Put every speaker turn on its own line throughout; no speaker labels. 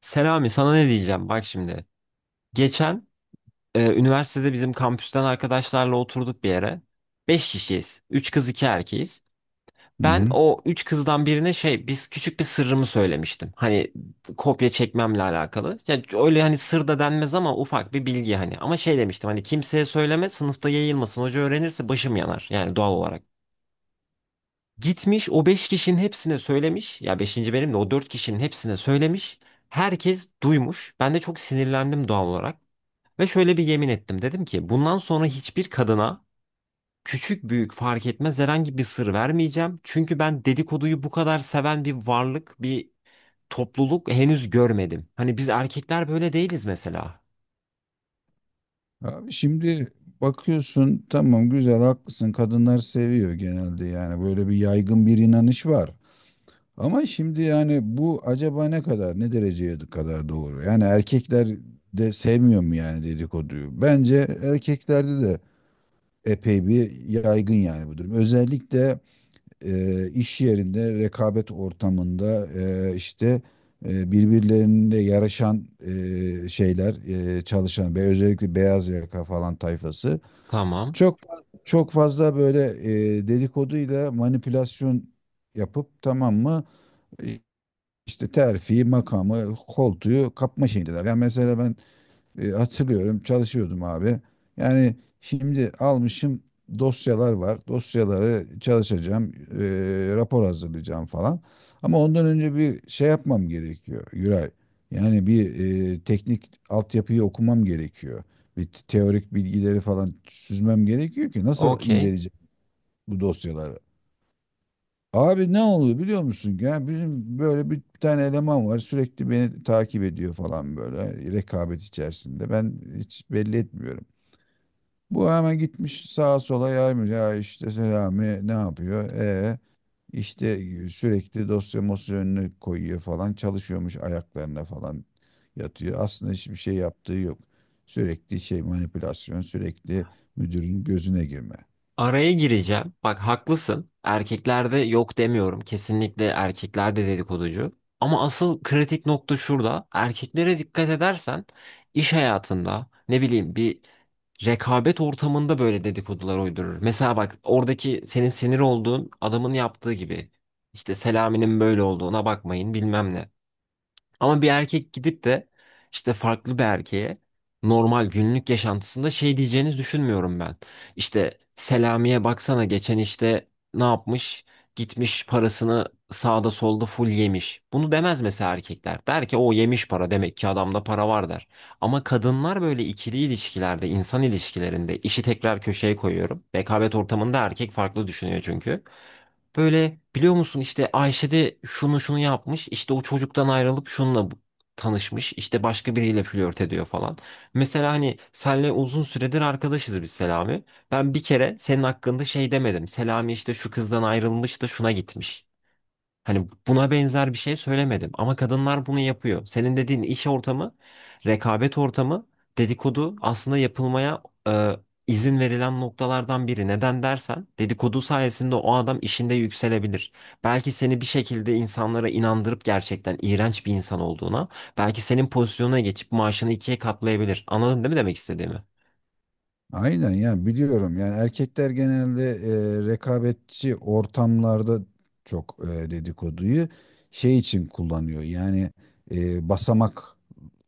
Selami sana ne diyeceğim bak şimdi. Geçen üniversitede bizim kampüsten arkadaşlarla oturduk bir yere. Beş kişiyiz. Üç kız 2 erkeğiz.
Hı
Ben
hı.
o 3 kızdan birine şey biz küçük bir sırrımı söylemiştim. Hani kopya çekmemle alakalı. Ya öyle hani sır da denmez ama ufak bir bilgi hani. Ama şey demiştim hani kimseye söyleme sınıfta yayılmasın. Hoca öğrenirse başım yanar yani doğal olarak. Gitmiş o 5 kişinin hepsine söylemiş. Ya beşinci benim de o 4 kişinin hepsine söylemiş. Herkes duymuş. Ben de çok sinirlendim doğal olarak. Ve şöyle bir yemin ettim. Dedim ki bundan sonra hiçbir kadına küçük büyük fark etmez herhangi bir sır vermeyeceğim. Çünkü ben dedikoduyu bu kadar seven bir varlık, bir topluluk henüz görmedim. Hani biz erkekler böyle değiliz mesela.
Abi şimdi bakıyorsun, tamam, güzel, haklısın, kadınlar seviyor genelde, yani böyle bir yaygın bir inanış var. Ama şimdi yani bu acaba ne kadar, ne dereceye kadar doğru? Yani erkekler de sevmiyor mu yani dedikoduyu? Bence erkeklerde de epey bir yaygın yani bu durum. Özellikle iş yerinde, rekabet ortamında, işte, birbirlerine yarışan şeyler, çalışan ve özellikle beyaz yaka falan tayfası
Tamam.
çok çok fazla böyle dedikoduyla manipülasyon yapıp, tamam mı? e, işte terfiyi, makamı, koltuğu kapma şeyindeler. Yani mesela ben hatırlıyorum, çalışıyordum abi. Yani şimdi almışım, dosyalar var. Dosyaları çalışacağım, rapor hazırlayacağım falan. Ama ondan önce bir şey yapmam gerekiyor Yuray. Yani bir teknik altyapıyı okumam gerekiyor. Bir teorik bilgileri falan süzmem gerekiyor ki nasıl
Okey.
inceleyeceğim bu dosyaları? Abi ne oluyor biliyor musun? Ya bizim böyle bir tane eleman var, sürekli beni takip ediyor falan, böyle rekabet içerisinde. Ben hiç belli etmiyorum. Bu hemen gitmiş sağa sola yaymış. Ya işte Selami ne yapıyor? İşte sürekli dosya mosya önüne koyuyor falan. Çalışıyormuş, ayaklarına falan yatıyor. Aslında hiçbir şey yaptığı yok. Sürekli şey manipülasyon, sürekli müdürün gözüne girme.
Araya gireceğim. Bak haklısın. Erkeklerde yok demiyorum. Kesinlikle erkeklerde dedikoducu. Ama asıl kritik nokta şurada. Erkeklere dikkat edersen iş hayatında ne bileyim bir rekabet ortamında böyle dedikodular uydurur. Mesela bak oradaki senin sinir olduğun adamın yaptığı gibi. İşte Selami'nin böyle olduğuna bakmayın bilmem ne. Ama bir erkek gidip de işte farklı bir erkeğe normal günlük yaşantısında şey diyeceğini düşünmüyorum ben. İşte Selami'ye baksana geçen işte ne yapmış? Gitmiş parasını sağda solda full yemiş. Bunu demez mesela erkekler. Der ki o yemiş para demek ki adamda para var der. Ama kadınlar böyle ikili ilişkilerde, insan ilişkilerinde işi tekrar köşeye koyuyorum. Rekabet ortamında erkek farklı düşünüyor çünkü. Böyle biliyor musun işte Ayşe de şunu şunu yapmış. İşte o çocuktan ayrılıp şununla tanışmış. İşte başka biriyle flört ediyor falan. Mesela hani senle uzun süredir arkadaşız biz Selami. Ben bir kere senin hakkında şey demedim. Selami işte şu kızdan ayrılmış da şuna gitmiş. Hani buna benzer bir şey söylemedim ama kadınlar bunu yapıyor. Senin dediğin iş ortamı, rekabet ortamı, dedikodu aslında yapılmaya e, izin verilen noktalardan biri. Neden dersen dedikodu sayesinde o adam işinde yükselebilir. Belki seni bir şekilde insanlara inandırıp gerçekten iğrenç bir insan olduğuna, belki senin pozisyonuna geçip maaşını ikiye katlayabilir. Anladın değil mi demek istediğimi?
Aynen ya, biliyorum yani. Erkekler genelde rekabetçi ortamlarda çok dedikoduyu şey için kullanıyor, yani basamak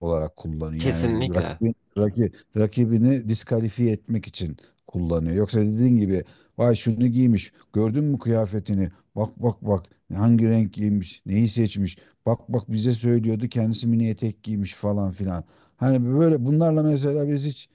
olarak kullanıyor. Yani
Kesinlikle.
rakibini diskalifiye etmek için kullanıyor. Yoksa dediğin gibi, vay şunu giymiş, gördün mü kıyafetini? Bak bak bak, hangi renk giymiş, neyi seçmiş? Bak bak, bize söylüyordu, kendisi mini etek giymiş falan filan. Hani böyle bunlarla mesela biz hiç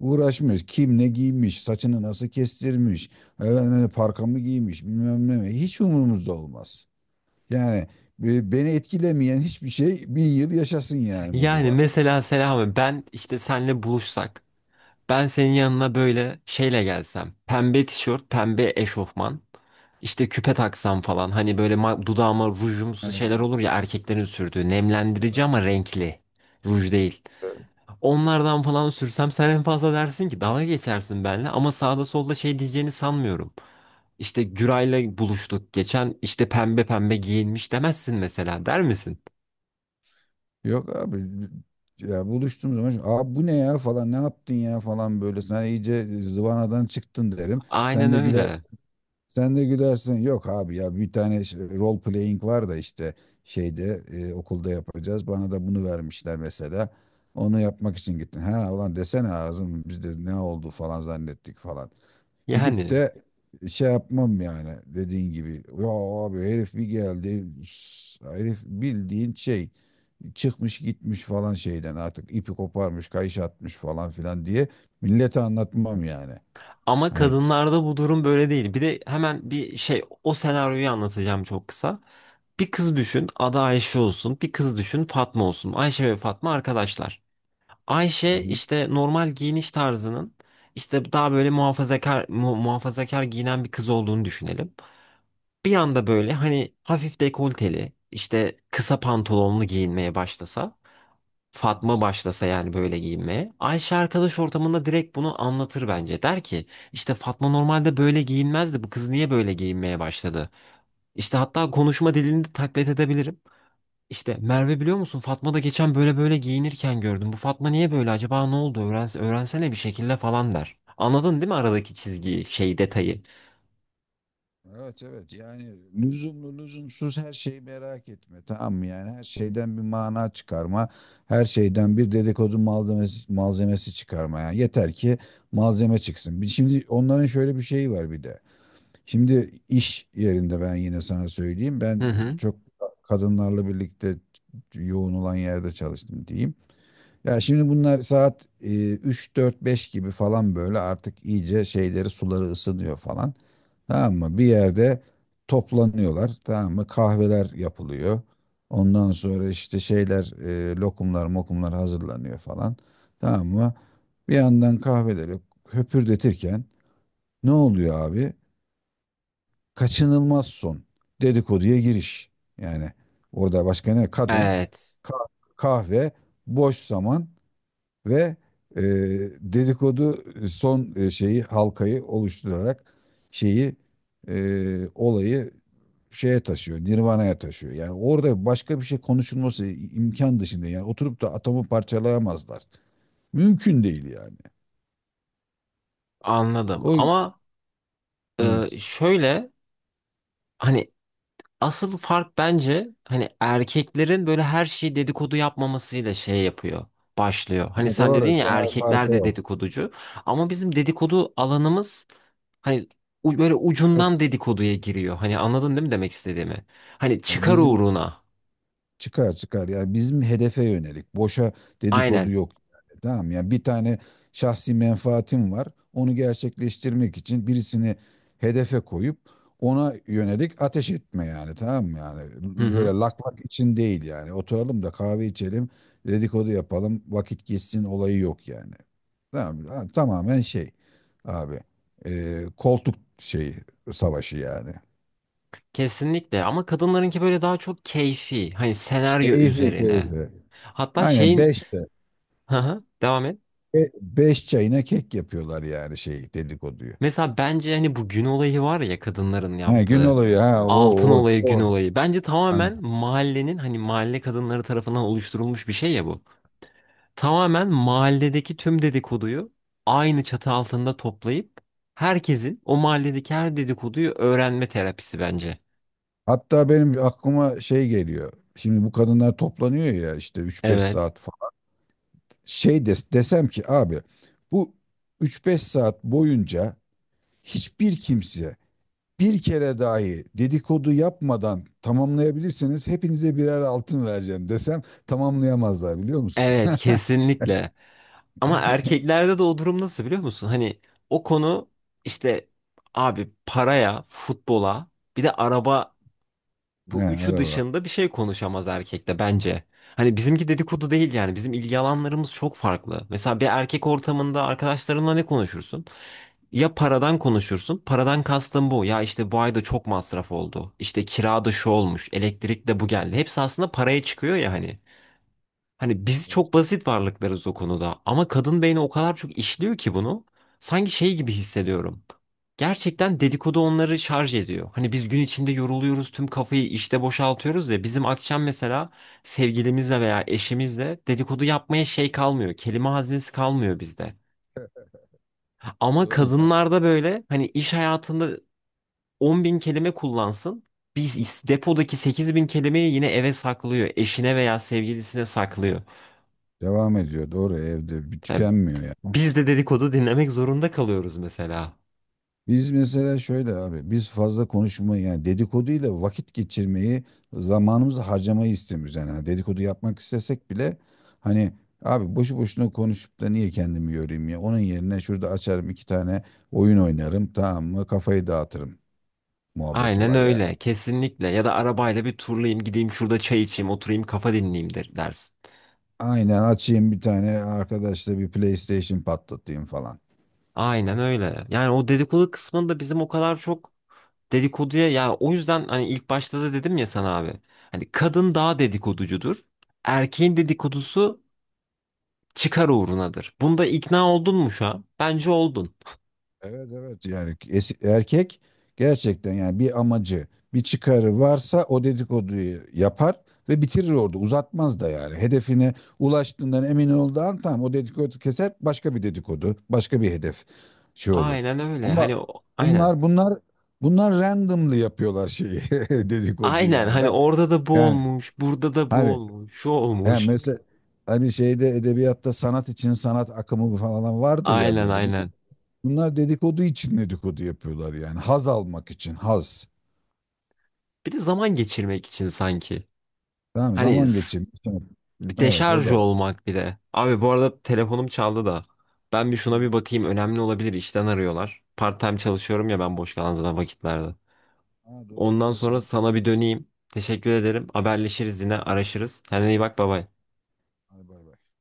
uğraşmıyoruz. Kim ne giymiş, saçını nasıl kestirmiş, efendim, parkamı giymiş, bilmem ne mi? Hiç umurumuzda olmaz. Yani beni etkilemeyen hiçbir şey, bin yıl yaşasın, yani modu
Yani
var.
mesela Selami ben işte senle buluşsak. Ben senin yanına böyle şeyle gelsem. Pembe tişört, pembe eşofman. İşte küpe taksam falan. Hani böyle dudağıma rujumsu şeyler
Evet.
olur ya erkeklerin sürdüğü. Nemlendirici ama renkli. Ruj değil. Onlardan falan sürsem sen en fazla dersin ki dalga geçersin benimle. Ama sağda solda şey diyeceğini sanmıyorum. İşte Güray'la buluştuk geçen işte pembe pembe giyinmiş demezsin mesela, der misin?
Yok abi, ya buluştuğum zaman, abi bu ne ya falan, ne yaptın ya falan, böyle sen iyice zıvanadan çıktın derim.
Aynen öyle.
Sen de gülersin. Yok abi, ya bir tane role playing var da, işte şeyde okulda yapacağız. Bana da bunu vermişler mesela. Onu yapmak için gittin. Ha ulan, desene ağzım, biz de ne oldu falan zannettik falan. Gidip
Yani.
de şey yapmam yani, dediğin gibi. Ya abi herif bir geldi. Herif bildiğin şey çıkmış gitmiş falan, şeyden artık ipi koparmış, kayış atmış falan filan diye millete anlatmam yani.
Ama
Hani.
kadınlarda bu durum böyle değil. Bir de hemen bir şey o senaryoyu anlatacağım çok kısa. Bir kız düşün adı Ayşe olsun. Bir kız düşün Fatma olsun. Ayşe ve Fatma arkadaşlar. Ayşe
Hı hı.
işte normal giyiniş tarzının işte daha böyle muhafazakar giyinen bir kız olduğunu düşünelim. Bir anda böyle hani hafif dekolteli işte kısa pantolonlu giyinmeye başlasa. Fatma başlasa yani böyle giyinmeye. Ayşe arkadaş ortamında direkt bunu anlatır bence. Der ki işte Fatma normalde böyle giyinmezdi. Bu kız niye böyle giyinmeye başladı? İşte hatta konuşma dilini de taklit edebilirim. İşte Merve biliyor musun Fatma da geçen böyle böyle giyinirken gördüm. Bu Fatma niye böyle, acaba ne oldu? Öğren, öğrensene bir şekilde falan der. Anladın değil mi aradaki çizgiyi, şey detayı?
Evet evet, yani lüzumlu lüzumsuz her şeyi merak etme, tamam mı? Yani her şeyden bir mana çıkarma, her şeyden bir dedikodu malzemesi çıkarma yani, yeter ki malzeme çıksın. Şimdi onların şöyle bir şeyi var bir de. Şimdi iş yerinde ben yine sana söyleyeyim, ben
Hı hı.
çok kadınlarla birlikte yoğun olan yerde çalıştım diyeyim. Ya şimdi bunlar saat 3 4 5 gibi falan, böyle artık iyice şeyleri, suları ısınıyor falan. Tamam mı? Bir yerde toplanıyorlar. Tamam mı? Kahveler yapılıyor. Ondan sonra işte şeyler, lokumlar mokumlar hazırlanıyor falan. Tamam mı? Bir yandan kahveleri höpürdetirken ne oluyor abi? Kaçınılmaz son. Dedikoduya giriş. Yani orada başka ne? Kadın,
Evet.
kah- kahve, boş zaman ve e, dedikodu son şeyi, halkayı oluşturarak şeyi, olayı şeye taşıyor, Nirvana'ya taşıyor. Yani orada başka bir şey konuşulması imkan dışında, yani oturup da atomu parçalayamazlar. Mümkün değil yani.
Anladım.
O,
Ama
evet.
şöyle, hani asıl fark bence hani erkeklerin böyle her şeyi dedikodu yapmamasıyla şey yapıyor. Başlıyor. Hani
Yani
sen dedin
doğru,
ya
temel
erkekler
farkı
de
o.
dedikoducu. Ama bizim dedikodu alanımız hani böyle
Çok,
ucundan dedikoduya giriyor. Hani anladın değil mi demek istediğimi? Hani
yani
çıkar
bizim.
uğruna.
Çıkar, çıkar. Yani bizim hedefe yönelik. Boşa dedikodu
Aynen.
yok. Yani. Tamam, yani bir tane şahsi menfaatim var. Onu gerçekleştirmek için birisini hedefe koyup ona yönelik ateş etme yani, tamam mı yani?
Hı
Böyle
hı.
lak lak için değil yani, oturalım da kahve içelim, dedikodu yapalım, vakit geçsin olayı yok yani, tamam mı? Ha, tamamen şey abi, koltuk şeyi, savaşı yani.
Kesinlikle. Ama kadınlarınki böyle daha çok keyfi. Hani senaryo
Keyfi,
üzerine.
keyfi,
Hatta
aynen.
şeyin...
Beş.
Hı hı. Devam et.
Beş çayına kek yapıyorlar yani şey, dedikoduyu.
Mesela bence hani bu gün olayı var ya kadınların
Ha, gün
yaptığı.
oluyor, ha, o
Altın
o.
olayı, gün
O.
olayı. Bence
Ha.
tamamen mahallenin hani mahalle kadınları tarafından oluşturulmuş bir şey ya bu. Tamamen mahalledeki tüm dedikoduyu aynı çatı altında toplayıp herkesin o mahalledeki her dedikoduyu öğrenme terapisi bence.
Hatta benim aklıma şey geliyor. Şimdi bu kadınlar toplanıyor ya işte üç beş
Evet.
saat falan. Şey desem ki abi, bu üç beş saat boyunca hiçbir kimse bir kere dahi dedikodu yapmadan tamamlayabilirseniz hepinize birer altın vereceğim desem, tamamlayamazlar biliyor musunuz?
Evet, kesinlikle. Ama erkeklerde de o durum nasıl biliyor musun? Hani o konu işte abi paraya, futbola, bir de araba, bu
He,
üçü
araba.
dışında bir şey konuşamaz erkekte bence. Hani bizimki dedikodu değil yani. Bizim ilgi alanlarımız çok farklı. Mesela bir erkek ortamında arkadaşlarınla ne konuşursun? Ya paradan konuşursun. Paradan kastım bu. Ya işte bu ayda çok masraf oldu. İşte kirada şu olmuş. Elektrik de bu geldi. Hepsi aslında paraya çıkıyor ya hani. Hani biz çok basit varlıklarız o konuda ama kadın beyni o kadar çok işliyor ki bunu sanki şey gibi hissediyorum. Gerçekten dedikodu onları şarj ediyor. Hani biz gün içinde yoruluyoruz, tüm kafayı işte boşaltıyoruz ya bizim akşam mesela sevgilimizle veya eşimizle dedikodu yapmaya şey kalmıyor. Kelime haznesi kalmıyor bizde. Ama
Doğru ya.
kadınlarda böyle hani iş hayatında 10 bin kelime kullansın. Biz depodaki 8 bin kelimeyi yine eve saklıyor. Eşine veya sevgilisine saklıyor.
Devam ediyor, doğru, evde bir
Yani
tükenmiyor.
biz de dedikodu dinlemek zorunda kalıyoruz mesela.
Biz mesela şöyle abi, biz fazla konuşmayı yani dedikoduyla vakit geçirmeyi, zamanımızı harcamayı istemiyoruz yani. Hani dedikodu yapmak istesek bile, hani abi boşu boşuna konuşup da niye kendimi yorayım ya, onun yerine şurada açarım iki tane oyun oynarım, tamam mı, kafayı dağıtırım muhabbeti
Aynen
var yani.
öyle. Kesinlikle. Ya da arabayla bir turlayayım, gideyim şurada çay içeyim, oturayım, kafa dinleyeyim, der, dersin.
Aynen, açayım bir tane arkadaşla bir PlayStation patlatayım falan.
Aynen öyle. Yani o dedikodu kısmında bizim o kadar çok dedikoduya ya o yüzden hani ilk başta da dedim ya sana abi. Hani kadın daha dedikoducudur. Erkeğin dedikodusu çıkar uğrunadır. Bunda ikna oldun mu şu an? Bence oldun.
Evet evet yani, erkek gerçekten yani bir amacı, bir çıkarı varsa o dedikoduyu yapar ve bitirir orada, uzatmaz da yani hedefine ulaştığından emin olduğu an, tamam, o dedikodu keser, başka bir dedikodu, başka bir hedef şey olur.
Aynen öyle.
Ama
Hani o- aynen.
bunlar bunlar bunlar randomly yapıyorlar şeyi, dedikoduyu
Aynen
ya da
hani orada da bu
yani
olmuş, burada da bu
hani,
olmuş, şu
yani
olmuş.
mesela hani şeyde, edebiyatta sanat için sanat akımı falan vardır ya
Aynen
böyle.
aynen.
Bunlar dedikodu için dedikodu yapıyorlar yani. Haz almak için haz.
Bir de zaman geçirmek için sanki.
Tamam mı?
Hani
Zaman geçirmek için. Evet, o
deşarj
da var.
olmak bir de. Abi bu arada telefonum çaldı da. Ben bir şuna
Ha,
bir bakayım önemli olabilir işten arıyorlar. Part time çalışıyorum ya ben boş kalan zaman vakitlerde.
ha, doğru
Ondan
doğru,
sonra
sen
sana bir döneyim. Teşekkür ederim. Haberleşiriz yine araşırız. Kendine iyi bak baba.
hadi bay bay.